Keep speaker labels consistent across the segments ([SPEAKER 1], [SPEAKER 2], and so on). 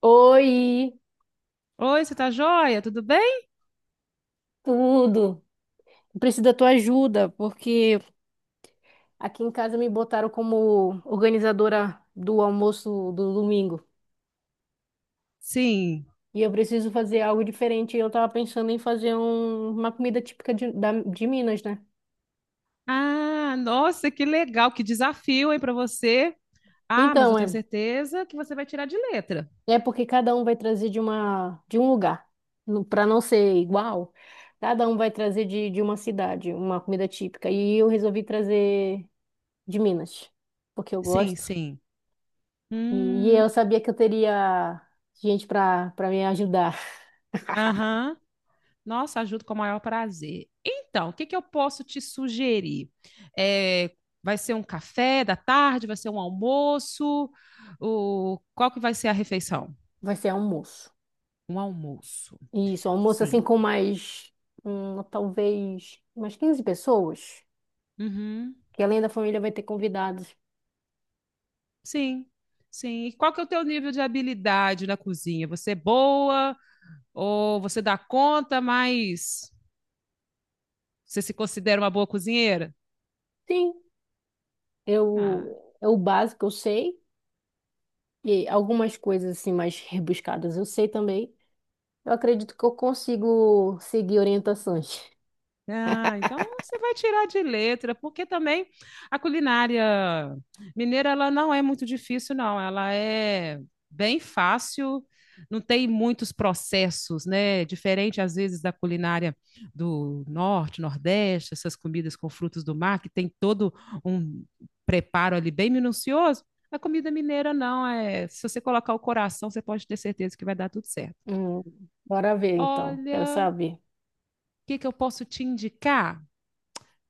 [SPEAKER 1] Oi,
[SPEAKER 2] Oi, você tá joia? Tudo bem?
[SPEAKER 1] tudo. Eu preciso da tua ajuda, porque aqui em casa me botaram como organizadora do almoço do domingo.
[SPEAKER 2] Sim.
[SPEAKER 1] E eu preciso fazer algo diferente. Eu tava pensando em fazer uma comida típica de Minas, né?
[SPEAKER 2] Ah, nossa, que legal, que desafio, hein, para você. Ah, mas eu
[SPEAKER 1] Então, é,
[SPEAKER 2] tenho certeza que você vai tirar de letra.
[SPEAKER 1] é porque cada um vai trazer de um lugar. Pra não ser igual, cada um vai trazer de uma cidade, uma comida típica. E eu resolvi trazer de Minas, porque eu
[SPEAKER 2] Sim,
[SPEAKER 1] gosto.
[SPEAKER 2] sim. Hum,
[SPEAKER 1] E eu sabia que eu teria gente para me ajudar.
[SPEAKER 2] aham. Nossa, ajudo com o maior prazer. Então, o que que eu posso te sugerir? É, vai ser um café da tarde? Vai ser um almoço? O, qual que vai ser a refeição?
[SPEAKER 1] Vai ser almoço.
[SPEAKER 2] Um almoço.
[SPEAKER 1] Isso, almoço assim
[SPEAKER 2] Sim.
[SPEAKER 1] com mais, talvez, umas 15 pessoas.
[SPEAKER 2] Uhum.
[SPEAKER 1] Que além da família vai ter convidados.
[SPEAKER 2] Sim, sim. E qual que é o teu nível de habilidade na cozinha? Você é boa ou você dá conta, mas você se considera uma boa cozinheira?
[SPEAKER 1] Sim,
[SPEAKER 2] Ah,
[SPEAKER 1] é o básico, eu sei. E algumas coisas assim mais rebuscadas eu sei também. Eu acredito que eu consigo seguir orientações.
[SPEAKER 2] ah, então você vai tirar de letra, porque também a culinária mineira ela não é muito difícil, não. Ela é bem fácil, não tem muitos processos, né? Diferente às vezes da culinária do norte, nordeste, essas comidas com frutos do mar que tem todo um preparo ali bem minucioso. A comida mineira não é. Se você colocar o coração, você pode ter certeza que vai dar tudo certo.
[SPEAKER 1] Hum, bora ver então. Quero
[SPEAKER 2] Olha, o
[SPEAKER 1] saber.
[SPEAKER 2] que que eu posso te indicar?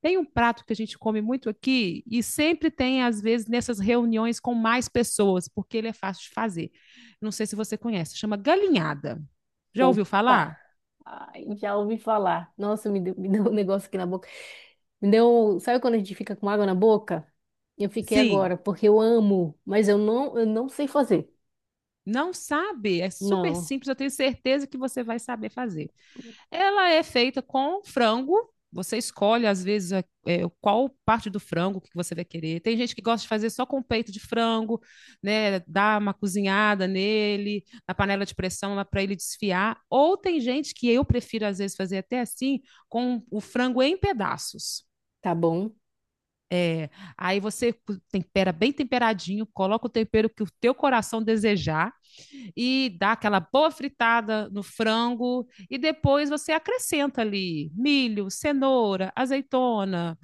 [SPEAKER 2] Tem um prato que a gente come muito aqui e sempre tem, às vezes, nessas reuniões com mais pessoas, porque ele é fácil de fazer. Não sei se você conhece, chama galinhada. Já ouviu
[SPEAKER 1] Opa!
[SPEAKER 2] falar?
[SPEAKER 1] Ai, já ouvi falar. Nossa, me deu um negócio aqui na boca. Me deu. Sabe quando a gente fica com água na boca? Eu fiquei
[SPEAKER 2] Sim.
[SPEAKER 1] agora, porque eu amo, eu não sei fazer.
[SPEAKER 2] Não sabe? É super
[SPEAKER 1] Não,
[SPEAKER 2] simples, eu tenho certeza que você vai saber fazer. Ela é feita com frango. Você escolhe, às vezes, é, qual parte do frango que você vai querer. Tem gente que gosta de fazer só com peito de frango, né? Dar uma cozinhada nele, na panela de pressão, lá para ele desfiar. Ou tem gente que eu prefiro, às vezes, fazer até assim, com o frango em pedaços.
[SPEAKER 1] tá bom.
[SPEAKER 2] É, aí você tempera bem temperadinho, coloca o tempero que o teu coração desejar e dá aquela boa fritada no frango e depois você acrescenta ali milho, cenoura, azeitona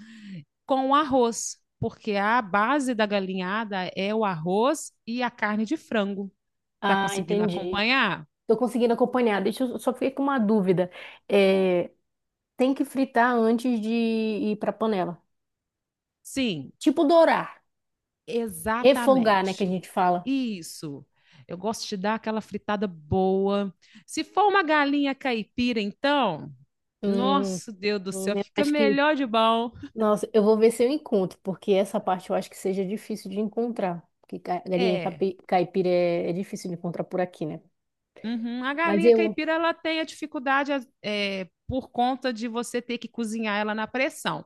[SPEAKER 2] com arroz, porque a base da galinhada é o arroz e a carne de frango. Tá
[SPEAKER 1] Ah,
[SPEAKER 2] conseguindo
[SPEAKER 1] entendi.
[SPEAKER 2] acompanhar?
[SPEAKER 1] Tô conseguindo acompanhar. Deixa eu, só fiquei com uma dúvida. É, tem que fritar antes de ir pra panela.
[SPEAKER 2] Sim,
[SPEAKER 1] Tipo dourar, refogar, né, que a
[SPEAKER 2] exatamente.
[SPEAKER 1] gente fala.
[SPEAKER 2] Isso. Eu gosto de dar aquela fritada boa. Se for uma galinha caipira, então,
[SPEAKER 1] Hum.
[SPEAKER 2] nosso Deus do céu,
[SPEAKER 1] Eu
[SPEAKER 2] fica
[SPEAKER 1] acho que,
[SPEAKER 2] melhor de bom.
[SPEAKER 1] nossa, eu vou ver se eu encontro, porque essa parte eu acho que seja difícil de encontrar. Porque galinha
[SPEAKER 2] É,
[SPEAKER 1] caipira é difícil de encontrar por aqui, né?
[SPEAKER 2] uhum. A
[SPEAKER 1] Mas
[SPEAKER 2] galinha
[SPEAKER 1] eu,
[SPEAKER 2] caipira ela tem a dificuldade é, por conta de você ter que cozinhar ela na pressão.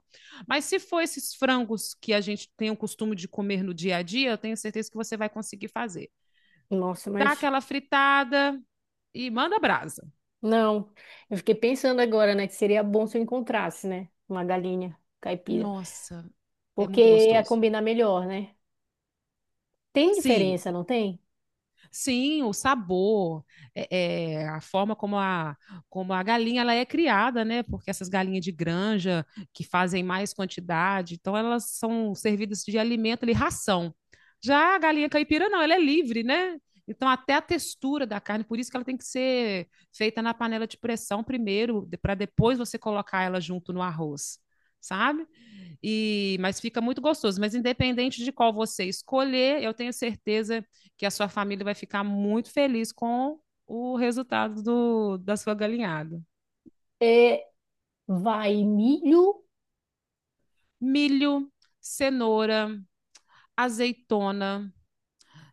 [SPEAKER 2] Mas se for esses frangos que a gente tem o costume de comer no dia a dia, eu tenho certeza que você vai conseguir fazer.
[SPEAKER 1] nossa,
[SPEAKER 2] Dá
[SPEAKER 1] mas
[SPEAKER 2] aquela fritada e manda brasa.
[SPEAKER 1] não. Eu fiquei pensando agora, né, que seria bom se eu encontrasse, né, uma galinha caipira,
[SPEAKER 2] Nossa, é muito
[SPEAKER 1] porque ia
[SPEAKER 2] gostoso.
[SPEAKER 1] combinar melhor, né? Tem
[SPEAKER 2] Sim,
[SPEAKER 1] diferença, não tem?
[SPEAKER 2] sim, o sabor, a forma como a galinha ela é criada, né? Porque essas galinhas de granja que fazem mais quantidade, então elas são servidas de alimento ali, ração. Já a galinha caipira não, ela é livre, né? Então até a textura da carne, por isso que ela tem que ser feita na panela de pressão primeiro, para depois você colocar ela junto no arroz. Sabe? E, mas fica muito gostoso. Mas independente de qual você escolher, eu tenho certeza que a sua família vai ficar muito feliz com o resultado da sua galinhada.
[SPEAKER 1] É, vai milho,
[SPEAKER 2] Milho, cenoura, azeitona,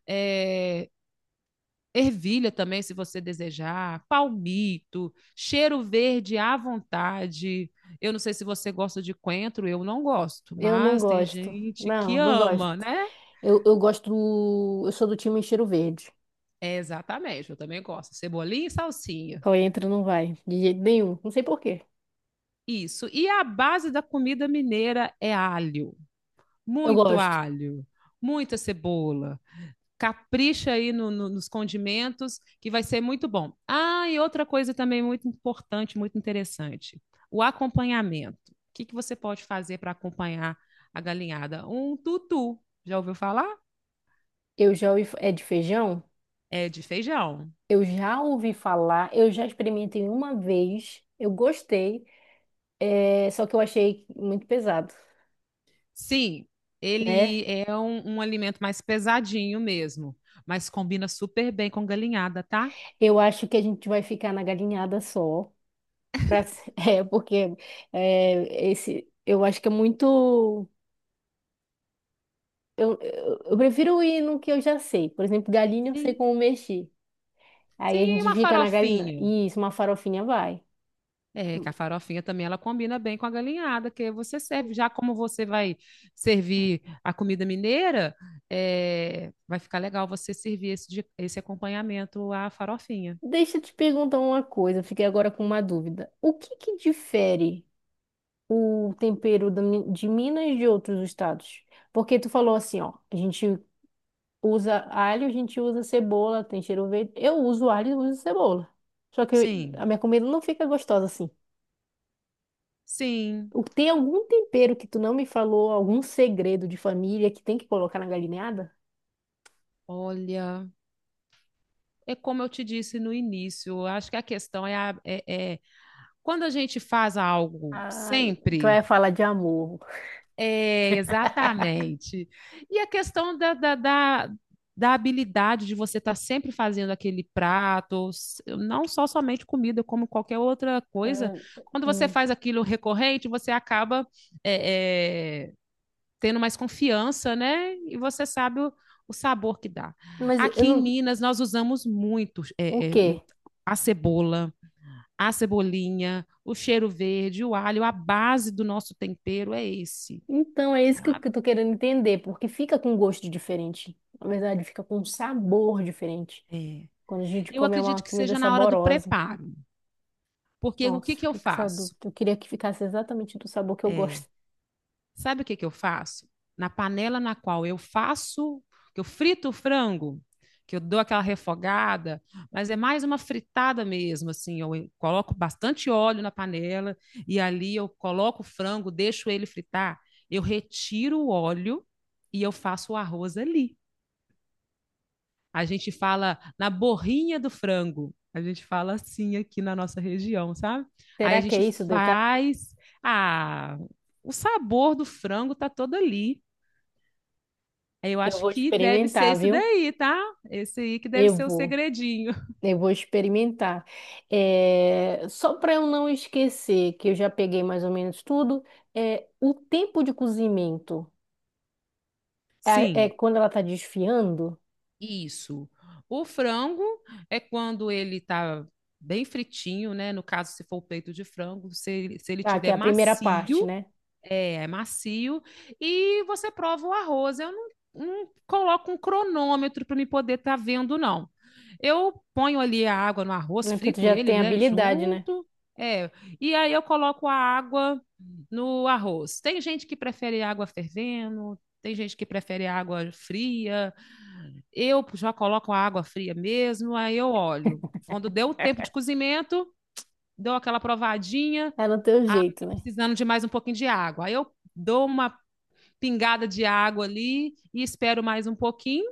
[SPEAKER 2] é, ervilha também, se você desejar, palmito, cheiro verde à vontade. Eu não sei se você gosta de coentro, eu não gosto,
[SPEAKER 1] eu não
[SPEAKER 2] mas tem
[SPEAKER 1] gosto.
[SPEAKER 2] gente que
[SPEAKER 1] Não gosto.
[SPEAKER 2] ama, né?
[SPEAKER 1] Eu gosto eu sou do time Cheiro Verde.
[SPEAKER 2] É, exatamente, eu também gosto. Cebolinha e salsinha.
[SPEAKER 1] Qual entra não vai, de jeito nenhum. Não sei por quê.
[SPEAKER 2] Isso. E a base da comida mineira é alho,
[SPEAKER 1] Eu
[SPEAKER 2] muito
[SPEAKER 1] gosto.
[SPEAKER 2] alho, muita cebola. Capricha aí nos condimentos, que vai ser muito bom. Ah, e outra coisa também muito importante, muito interessante: o acompanhamento. O que que você pode fazer para acompanhar a galinhada? Um tutu. Já ouviu falar?
[SPEAKER 1] Eu já ouvi, é de feijão?
[SPEAKER 2] É de feijão.
[SPEAKER 1] Eu já ouvi falar, eu já experimentei uma vez, eu gostei, é, só que eu achei muito pesado,
[SPEAKER 2] Sim,
[SPEAKER 1] né?
[SPEAKER 2] ele é um alimento mais pesadinho mesmo, mas combina super bem com galinhada, tá?
[SPEAKER 1] Eu acho que a gente vai ficar na galinhada só, pra- é, porque eu acho que é muito. Eu prefiro ir no que eu já sei. Por exemplo, galinha eu sei
[SPEAKER 2] Sim.
[SPEAKER 1] como mexer. Aí a
[SPEAKER 2] Sim,
[SPEAKER 1] gente
[SPEAKER 2] uma
[SPEAKER 1] fica na galinha.
[SPEAKER 2] farofinha.
[SPEAKER 1] Isso, uma farofinha vai.
[SPEAKER 2] É, que a farofinha também ela combina bem com a galinhada, que você serve. Já como você vai servir a comida mineira, é, vai ficar legal você servir esse, esse acompanhamento à farofinha.
[SPEAKER 1] Deixa eu te perguntar uma coisa, eu fiquei agora com uma dúvida. O que que difere? O tempero da de Minas e de outros estados? Porque tu falou assim, ó, a gente usa alho, a gente usa cebola, tem cheiro verde. Eu uso alho e uso cebola. Só que
[SPEAKER 2] Sim,
[SPEAKER 1] a minha comida não fica gostosa assim.
[SPEAKER 2] sim.
[SPEAKER 1] Tem algum tempero que tu não me falou, algum segredo de família que tem que colocar na galinhada?
[SPEAKER 2] Olha, é como eu te disse no início, eu acho que a questão é, é, é quando a gente faz algo
[SPEAKER 1] Ai, tu
[SPEAKER 2] sempre.
[SPEAKER 1] vai falar de amor.
[SPEAKER 2] É, exatamente. E a questão da habilidade de você estar sempre fazendo aquele prato, não só somente comida, como qualquer outra
[SPEAKER 1] É,
[SPEAKER 2] coisa. Quando você
[SPEAKER 1] hum.
[SPEAKER 2] faz aquilo recorrente, você acaba é, é, tendo mais confiança, né? E você sabe o sabor que dá.
[SPEAKER 1] Mas eu
[SPEAKER 2] Aqui em
[SPEAKER 1] não.
[SPEAKER 2] Minas, nós usamos muito
[SPEAKER 1] O quê?
[SPEAKER 2] a cebola. A cebolinha, o cheiro verde, o alho, a base do nosso tempero é esse.
[SPEAKER 1] Então é isso que eu tô querendo entender, porque fica com gosto diferente. Na verdade, fica com um sabor diferente.
[SPEAKER 2] É,
[SPEAKER 1] Quando a gente
[SPEAKER 2] eu
[SPEAKER 1] come é uma
[SPEAKER 2] acredito que
[SPEAKER 1] comida
[SPEAKER 2] seja na hora do
[SPEAKER 1] saborosa.
[SPEAKER 2] preparo, porque o que
[SPEAKER 1] Nossa,
[SPEAKER 2] que eu
[SPEAKER 1] fiquei com essa dúvida.
[SPEAKER 2] faço?
[SPEAKER 1] Eu queria que ficasse exatamente do sabor que eu
[SPEAKER 2] É.
[SPEAKER 1] gosto.
[SPEAKER 2] Sabe o que que eu faço? Na panela na qual eu faço, que eu frito o frango, que eu dou aquela refogada, mas é mais uma fritada mesmo, assim, eu coloco bastante óleo na panela e ali eu coloco o frango, deixo ele fritar, eu retiro o óleo e eu faço o arroz ali. A gente fala na borrinha do frango. A gente fala assim aqui na nossa região, sabe? Aí
[SPEAKER 1] Será
[SPEAKER 2] a
[SPEAKER 1] que
[SPEAKER 2] gente
[SPEAKER 1] é isso o detalhe?
[SPEAKER 2] faz. Ah, o sabor do frango tá todo ali. Aí eu
[SPEAKER 1] Eu
[SPEAKER 2] acho
[SPEAKER 1] vou
[SPEAKER 2] que deve ser
[SPEAKER 1] experimentar,
[SPEAKER 2] esse
[SPEAKER 1] viu?
[SPEAKER 2] daí, tá? Esse aí que deve
[SPEAKER 1] Eu
[SPEAKER 2] ser o
[SPEAKER 1] vou.
[SPEAKER 2] segredinho.
[SPEAKER 1] Eu vou experimentar. É, só para eu não esquecer, que eu já peguei mais ou menos tudo, é... o tempo de cozimento é
[SPEAKER 2] Sim,
[SPEAKER 1] quando ela tá desfiando,
[SPEAKER 2] isso. O frango é quando ele tá bem fritinho, né? No caso, se for o peito de frango, se ele
[SPEAKER 1] tá? Que é
[SPEAKER 2] tiver
[SPEAKER 1] a primeira parte,
[SPEAKER 2] macio.
[SPEAKER 1] né?
[SPEAKER 2] É, é macio. E você prova o arroz. Eu não coloco um cronômetro para me poder estar vendo, não. Eu ponho ali a água no arroz,
[SPEAKER 1] Não é. Porque tu
[SPEAKER 2] frito
[SPEAKER 1] já
[SPEAKER 2] ele,
[SPEAKER 1] tem
[SPEAKER 2] né,
[SPEAKER 1] habilidade, né?
[SPEAKER 2] junto. É, e aí eu coloco a água no arroz. Tem gente que prefere água fervendo, tem gente que prefere água fria. Eu já coloco a água fria mesmo, aí eu olho. Quando deu o tempo de cozimento, dou aquela provadinha,
[SPEAKER 1] É no teu
[SPEAKER 2] ah,
[SPEAKER 1] jeito,
[SPEAKER 2] tá
[SPEAKER 1] né?
[SPEAKER 2] precisando de mais um pouquinho de água. Aí eu dou uma pingada de água ali e espero mais um pouquinho.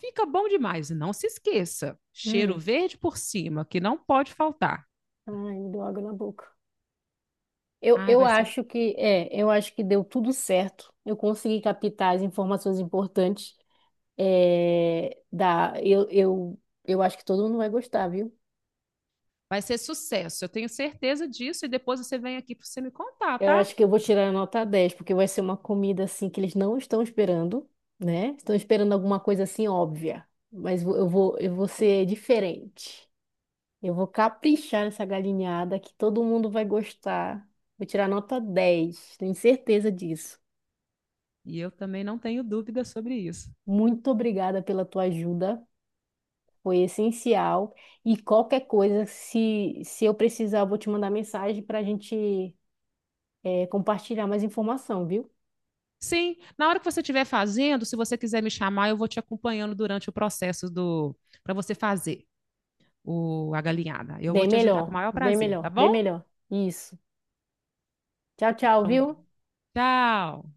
[SPEAKER 2] Fica bom demais. E não se esqueça, cheiro
[SPEAKER 1] Hum.
[SPEAKER 2] verde por cima, que não pode faltar.
[SPEAKER 1] Ai, me deu água na boca.
[SPEAKER 2] Ai,
[SPEAKER 1] Eu acho eu acho que deu tudo certo. Eu consegui captar as informações importantes. Eu acho que todo mundo vai gostar, viu?
[SPEAKER 2] vai ser sucesso. Eu tenho certeza disso e depois você vem aqui para você me contar,
[SPEAKER 1] Eu
[SPEAKER 2] tá?
[SPEAKER 1] acho que eu vou tirar a nota 10 porque vai ser uma comida assim que eles não estão esperando, né? Estão esperando alguma coisa assim óbvia. Mas eu vou ser diferente. Eu vou caprichar nessa galinhada que todo mundo vai gostar. Vou tirar nota 10. Tenho certeza disso.
[SPEAKER 2] E eu também não tenho dúvida sobre isso.
[SPEAKER 1] Muito obrigada pela tua ajuda. Foi essencial. E qualquer coisa, se eu precisar, eu vou te mandar mensagem para a gente compartilhar mais informação, viu?
[SPEAKER 2] Sim, na hora que você estiver fazendo, se você quiser me chamar, eu vou te acompanhando durante o processo do para você fazer o a galinhada. Eu vou
[SPEAKER 1] Bem
[SPEAKER 2] te ajudar com o
[SPEAKER 1] melhor,
[SPEAKER 2] maior
[SPEAKER 1] bem
[SPEAKER 2] prazer, tá
[SPEAKER 1] melhor, bem
[SPEAKER 2] bom?
[SPEAKER 1] melhor. Isso. Tchau, tchau,
[SPEAKER 2] Então,
[SPEAKER 1] viu?
[SPEAKER 2] tchau.